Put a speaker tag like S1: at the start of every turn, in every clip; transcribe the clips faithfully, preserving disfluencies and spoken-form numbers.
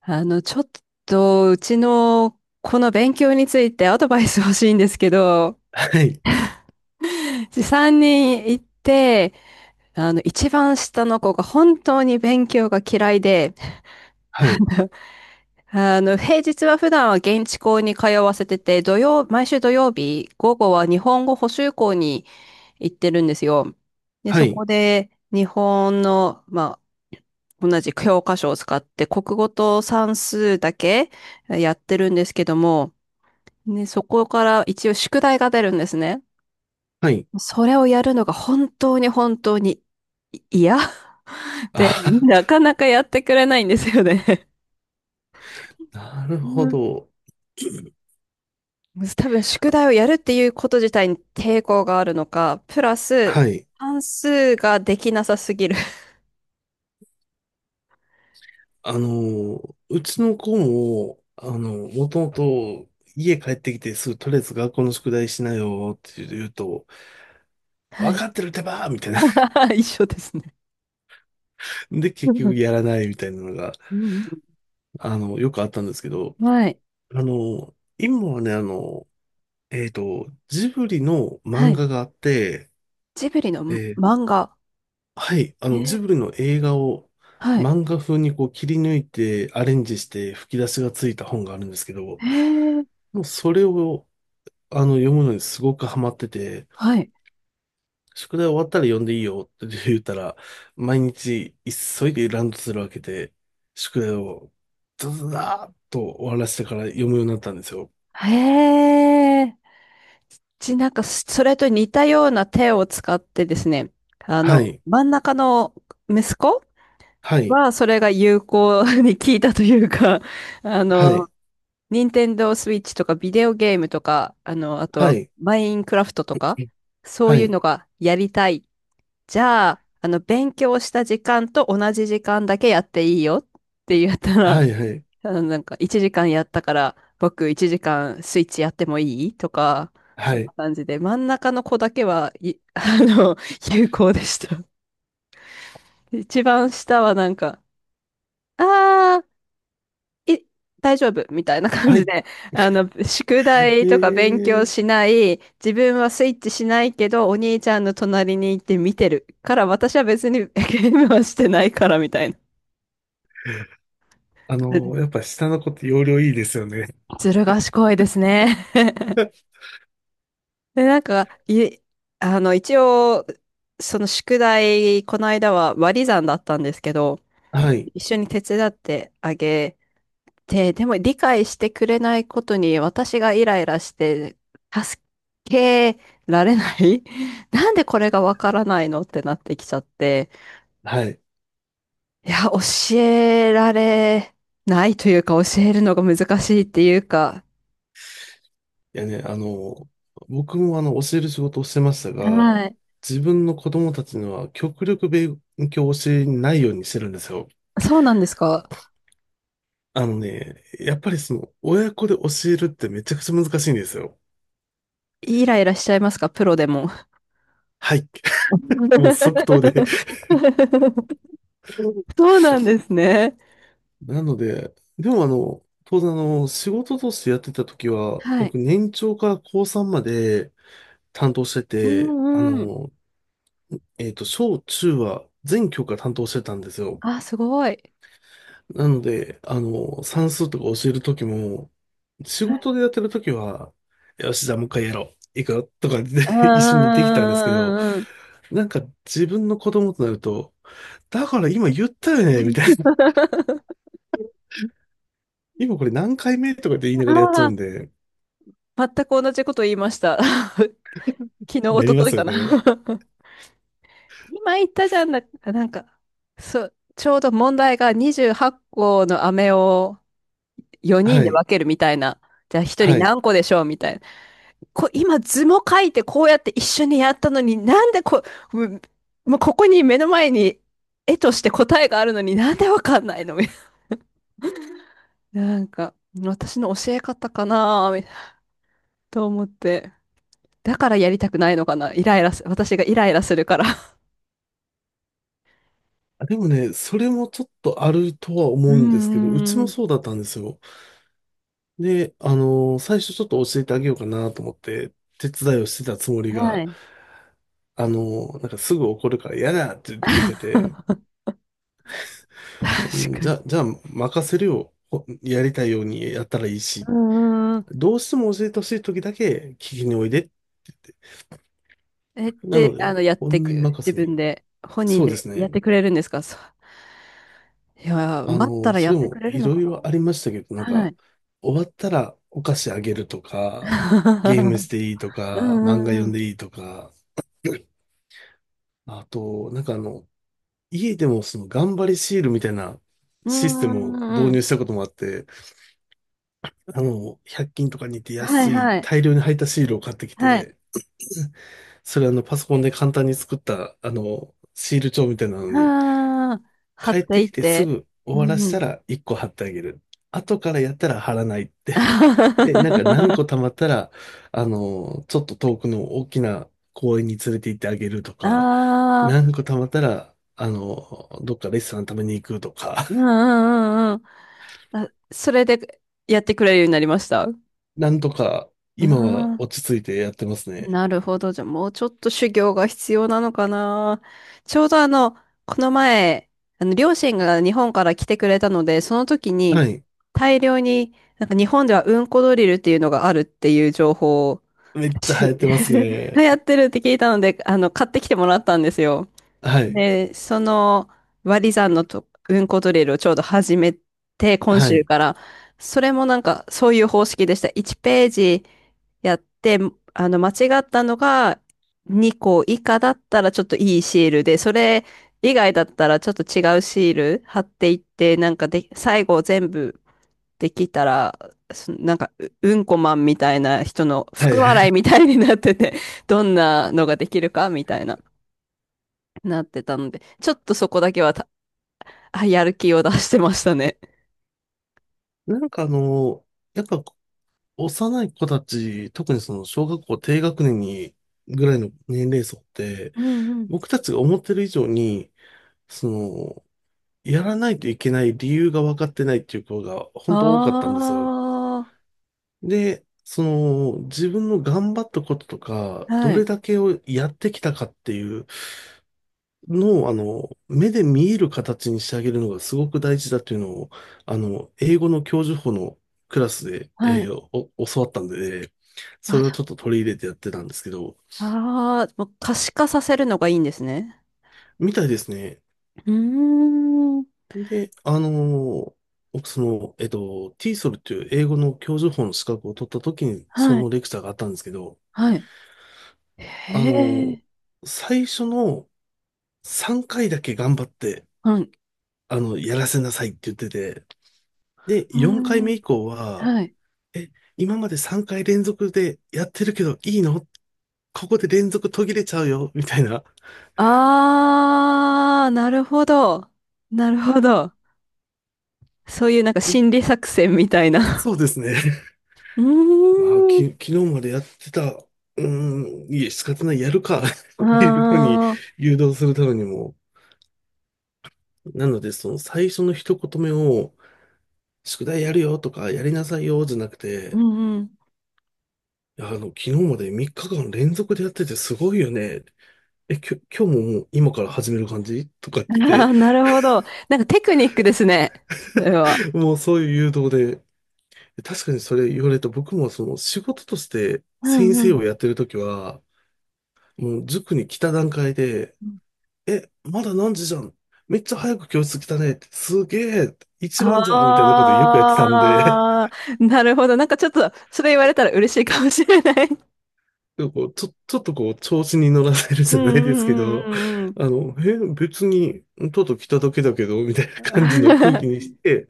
S1: あの、ちょっと、うちの、この勉強について アドバイス欲しいんですけど、
S2: はい。
S1: さんにん行って、あの、一番下の子が本当に勉強が嫌いで、
S2: はい。
S1: あの、平日は普段は現地校に通わせてて、土曜、毎週土曜日、午後は日本語補習校に行ってるんですよ。で、
S2: は
S1: そ
S2: い。
S1: こで、日本の、まあ、同じ教科書を使って、国語と算数だけやってるんですけども、ね、そこから一応宿題が出るんですね。
S2: はい。
S1: それをやるのが本当に本当にい嫌 で、な
S2: あ、
S1: かなかやってくれないんですよね。
S2: なる
S1: う
S2: ほ
S1: ん、
S2: ど。
S1: 多分宿題をやるっていうこと自体に抵抗があるのか、プラス、
S2: はい。
S1: 算数ができなさすぎる。
S2: あの、うちの子も、あの、もともと家帰ってきてすぐとりあえず学校の宿題しなよって言うと、
S1: は
S2: わ
S1: い。
S2: かってるってばーみたいな。
S1: 一緒ですね。
S2: で、
S1: う
S2: 結局
S1: ん
S2: やらないみたいなのが、
S1: うん
S2: あの、よくあったんですけど、
S1: うん、はい。
S2: あの、今はね、あの、えっと、ジブリの
S1: は
S2: 漫
S1: い。
S2: 画があって、
S1: ジブリの
S2: え
S1: 漫画。
S2: はい、あ
S1: え
S2: の、ジ
S1: ー、
S2: ブリの映画を
S1: はい。
S2: 漫画風にこう切り抜いてアレンジして吹き出しがついた本があるんですけど、
S1: えー、
S2: もうそれをあの読むのにすごくハマってて、
S1: はい。
S2: 宿題終わったら読んでいいよって 言ったら、毎日急いでランドセルを開けて、宿題をズズダーッと終わらせてから読むようになったんですよ。
S1: へえ。ちなんか、それと似たような手を使ってですね、あ
S2: は
S1: の、
S2: い、
S1: 真ん中の息子
S2: はい、
S1: は、それが有効に効いたというか、あ
S2: はい、
S1: の、ニンテンドースイッチとかビデオゲームとか、あの、あと
S2: は
S1: は
S2: い、
S1: マインクラフトとか、そう
S2: は
S1: いう
S2: い、
S1: のがやりたい。じゃあ、あの、勉強した時間と同じ時間だけやっていいよって言ったら、
S2: はい、は い、
S1: あのなんかいちじかんやったから僕いちじかんスイッチやってもいいとか、
S2: は
S1: そん
S2: い、
S1: な感じで、真ん中の子だけは、い、あの、有効でした。一番下はなんか、あー、い、大丈夫みたいな感
S2: は
S1: じ
S2: い。
S1: で、あの、宿
S2: え
S1: 題とか勉強
S2: ー
S1: しない、自分はスイッチしないけど、お兄ちゃんの隣に行って見てるから、私は別にゲームはしてないからみたいな。
S2: あ
S1: ず
S2: の、やっぱ下の子って容量いいですよね。
S1: ずる賢いですね。で、なんか、い、あの、一応、その宿題、この間は割り算だったんですけど、
S2: はい。
S1: 一緒に手伝ってあげて、でも理解してくれないことに私がイライラして、助けられない、 なんでこれがわからないのってなってきちゃって、
S2: はい。
S1: いや、教えられないというか、教えるのが難しいっていうか、
S2: いやね、あの、僕もあの、教える仕事をしてましたが、
S1: はい。
S2: 自分の子供たちには極力勉強を教えないようにしてるんですよ。
S1: そうなんですか。
S2: あのね、やっぱりその、親子で教えるってめちゃくちゃ難しいんですよ。
S1: イライラしちゃいますか、プロでも。
S2: はい。もう即答で。
S1: そうなんで すね。
S2: なので、でも、あの、当然、あの、仕事としてやってた時は、
S1: はい。
S2: 僕年長から高こうさんまで担当して
S1: う
S2: て、あ
S1: んうん。
S2: の、えっと、小中は全教科担当してたんですよ。
S1: あ、すごい。
S2: なので、あの、算数とか教えるときも、仕
S1: はい。
S2: 事でやってるときは、よし、じゃあもう一回やろう。いくよとかで
S1: うん
S2: 一緒に
S1: う
S2: できたん
S1: ん
S2: で
S1: う
S2: すけど、
S1: んうんうんうん。
S2: なんか自分の子供となると、だから今言ったよねみたいな。今これ何回目とかって言いな
S1: あ
S2: がらやっちゃう
S1: あ、
S2: んで、
S1: 全く同じこと言いました。昨日、一
S2: やりま
S1: 昨日
S2: す
S1: か
S2: よ
S1: な。
S2: ね。
S1: 今言ったじゃんな、なんか、そう、ちょうど問題がにじゅうはちこの飴をよにん
S2: は
S1: で
S2: い。
S1: 分けるみたいな。じゃあひとり
S2: はい。
S1: 何個でしょうみたい、こ、今図も書いてこうやって一緒にやったのに、なんでこ、もうもうここに目の前に絵として答えがあるのになんでわかんないのみたいな。なんか、私の教え方かなみたいなと思って。だからやりたくないのかな、イライラす、私がイライラするから。
S2: でもね、それもちょっとあるとは
S1: う
S2: 思
S1: ー
S2: うんですけど、うちも
S1: ん。
S2: そうだったんですよ。で、あの最初ちょっと教えてあげようかなと思って、手伝いをしてたつもり
S1: は
S2: が、
S1: い。
S2: あのなんかすぐ怒るから嫌だって言ってて、
S1: 確
S2: うん
S1: か
S2: じ
S1: に。
S2: ゃ、じゃあ任せるよ。ほやりたいようにやったらいいし、
S1: うーん。
S2: どうしても教えてほしい時だけ聞きにおいでって言って。
S1: えっ
S2: なの
S1: て、
S2: で、
S1: あの、やって
S2: 本人
S1: く、
S2: 任
S1: 自
S2: せに。
S1: 分で、本人
S2: そうで
S1: で
S2: す
S1: やっ
S2: ね。
S1: てくれるんですか、そう、いやー、
S2: あ
S1: 待った
S2: の
S1: ら
S2: そ
S1: やっ
S2: れ
S1: てく
S2: も
S1: れる
S2: い
S1: の
S2: ろ
S1: か
S2: い
S1: な。
S2: ろありましたけど、なん
S1: は
S2: か、
S1: い。
S2: 終わったらお菓子あげるとか、ゲーム していいと
S1: う
S2: か、漫
S1: ん
S2: 画
S1: うん
S2: 読
S1: う
S2: ん
S1: ん。
S2: でいいとか、あと、なんかあの、家でもその頑張りシールみたいな
S1: う
S2: システム
S1: んう
S2: を導
S1: んう
S2: 入し
S1: ん。
S2: たこともあって、あの、ひゃっきん均とかに行って
S1: はい
S2: 安い
S1: はい。
S2: 大量に入ったシールを買ってき
S1: はい。
S2: て、それ、あの、パソコンで簡単に作った、あの、シール帳みたいなのに、
S1: ああ、貼っ
S2: 帰っ
S1: て
S2: て
S1: いっ
S2: きてす
S1: て。
S2: ぐ終
S1: う
S2: わら
S1: んう
S2: せた
S1: ん。
S2: らいっこ貼ってあげる。後からやったら貼らないって。 で、なんか何
S1: あ
S2: 個貯まったら、あの、ちょっと遠くの大きな公園に連れて行ってあげるとか、
S1: あ、
S2: 何個貯まったら、あの、どっかレストラン食べに行くとか、
S1: うんうんうんうん。あ、それでやってくれるようになりました。
S2: なんとか今は
S1: ああ、
S2: 落ち着いてやってますね。
S1: なるほど。じゃあもうちょっと修行が必要なのかな。ちょうどあの、この前、あの、両親が日本から来てくれたので、その時に
S2: はい。
S1: 大量に、なんか日本ではうんこドリルっていうのがあるっていう情報を
S2: めっちゃ流
S1: し
S2: 行ってます ね。
S1: やってるって聞いたので、あの、買ってきてもらったんですよ。
S2: はい。
S1: で、その割り算のと運行ドリルをちょうど始めて、今
S2: は
S1: 週
S2: い。
S1: から、それもなんかそういう方式でした。いちページやって、あの、間違ったのがにこ以下だったらちょっといいシールで、それ以外だったらちょっと違うシール貼っていって、なんかで、最後全部できたら、そなんか、ううんこマンみたいな人の
S2: は
S1: 福
S2: い。
S1: 笑いみたいになってて、どんなのができるかみたいな。なってたので、ちょっとそこだけはた、あ、やる気を出してましたね。
S2: なんかあの、やっぱ幼い子たち、特にその小学校低学年にぐらいの年齢層って、
S1: うんうん。
S2: 僕たちが思ってる以上に、その、やらないといけない理由が分かってないっていう子が本当多かったんですよ。
S1: あ
S2: で、その自分の頑張ったこととか、
S1: あ、
S2: ど
S1: は
S2: れ
S1: い、
S2: だけをやってきたかっていうのを、あの、目で見える形にしてあげるのがすごく大事だっていうのを、あの、英語の教授補のクラスで、
S1: は
S2: えー
S1: い。
S2: お教わったんで、それをちょっ
S1: あ、
S2: と取り入れてやってたんですけど、
S1: ああもう可視化させるのがいいんですね。
S2: みたいですね。
S1: うーん。
S2: で、あのー僕、その、えっと、ティーイーエスエル っていう英語の教授法の資格を取った時に、そ
S1: は
S2: の
S1: い。
S2: レクチャーがあったんですけど、
S1: はい。
S2: あ
S1: へ
S2: の
S1: え、
S2: ー最初のさんかいだけ頑張って、
S1: はい、う
S2: あの、やらせなさいって言ってて、で、
S1: ー
S2: よんかいめ
S1: ん。
S2: 以降は、
S1: はい。
S2: え、今までさんかい連続でやってるけどいいの、ここで連続途切れちゃうよみたいな。
S1: ああ、なるほど。なるほど。そういうなんか心理作戦みたいな。
S2: そうですね。
S1: う
S2: まあ、
S1: ー
S2: き、
S1: ん。
S2: 昨日までやってた、うーん、いえ、仕方ない、やるか っていうふうに
S1: ああ、
S2: 誘導するためにも、なので、その最初の一言目を、宿題やるよとか、やりなさいよ、じゃなく
S1: う
S2: て、
S1: んうん。
S2: いやあの、昨日までみっかかん連続でやっててすごいよね。え、きょ、今日ももう今から始める感じとかっ
S1: あ
S2: て
S1: あ、なるほど。なんかテクニックですね。それは。
S2: 言って、もうそういう誘導で、確かにそれ言われると僕もその仕事として
S1: う
S2: 先
S1: んう
S2: 生
S1: ん。
S2: をやってるときは、もう塾に来た段階で、え、まだ何時じゃん。めっちゃ早く教室来たねって。すげえ。一番じゃんみたいなことよくやってたんで、
S1: ああ、なるほど。なんかちょっと、それ言われたら嬉しいかもしれない。
S2: でもこう、ちょ、ちょっとこう、調子に乗らせるじ
S1: う
S2: ゃない
S1: んう
S2: ですけ
S1: ん
S2: ど、
S1: うんうん
S2: あの、え、別に、ちょっと来ただけだけど、みたいな感
S1: う
S2: じの空気に
S1: ん。
S2: して、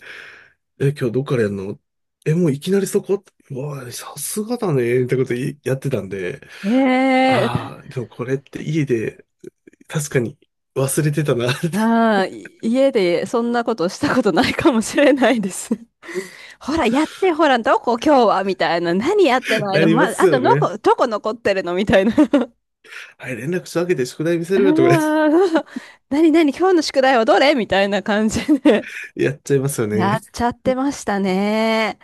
S2: え、今日どっからやるの、え、もういきなりそこ、うわあ、さすがだね、みたいなこといやってたんで、
S1: ええた
S2: ああ、でもこれって家で、確かに忘れてたな、っ
S1: ああ、い家でそんなことしたことないかもしれないです。ほら、やって、ほら、どこ今日はみたいな。何やって
S2: て
S1: ない
S2: な
S1: の、
S2: り
S1: ま、
S2: ます
S1: あと
S2: よ
S1: の
S2: ね。
S1: こ、どこ残ってるのみたいな。
S2: はい、連絡したわけで宿題見せ
S1: あ
S2: るよとか
S1: あ、何何今日の宿題はどれみたいな感じで。
S2: やっちゃいますよ
S1: や
S2: ね。
S1: っちゃっ
S2: い
S1: てましたね。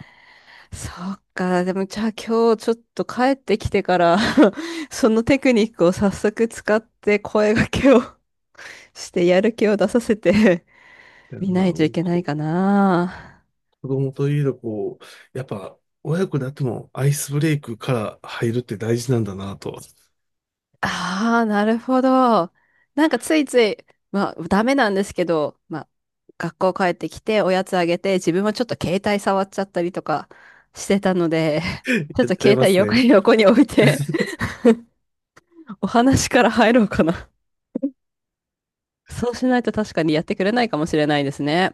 S1: そっか。でも、じゃあ今日ちょっと帰ってきてから そのテクニックを早速使って声掛けを してやる気を出させて
S2: や
S1: 見な
S2: まあ
S1: いと
S2: の
S1: いけな
S2: こ
S1: いかな。
S2: 子供といえど、こう、やっぱ、親子であってもアイスブレイクから入るって大事なんだなと、
S1: ああ、なるほど。なんかついつい、まあ、ダメなんですけど、まあ、学校帰ってきておやつあげて、自分はちょっと携帯触っちゃったりとかしてたので、ちょ っ
S2: やっ
S1: と
S2: ちゃ
S1: 携
S2: いま
S1: 帯
S2: す
S1: 横
S2: ね。
S1: に横に置いて、お話から入ろうかな。そうしないと確かにやってくれないかもしれないですね。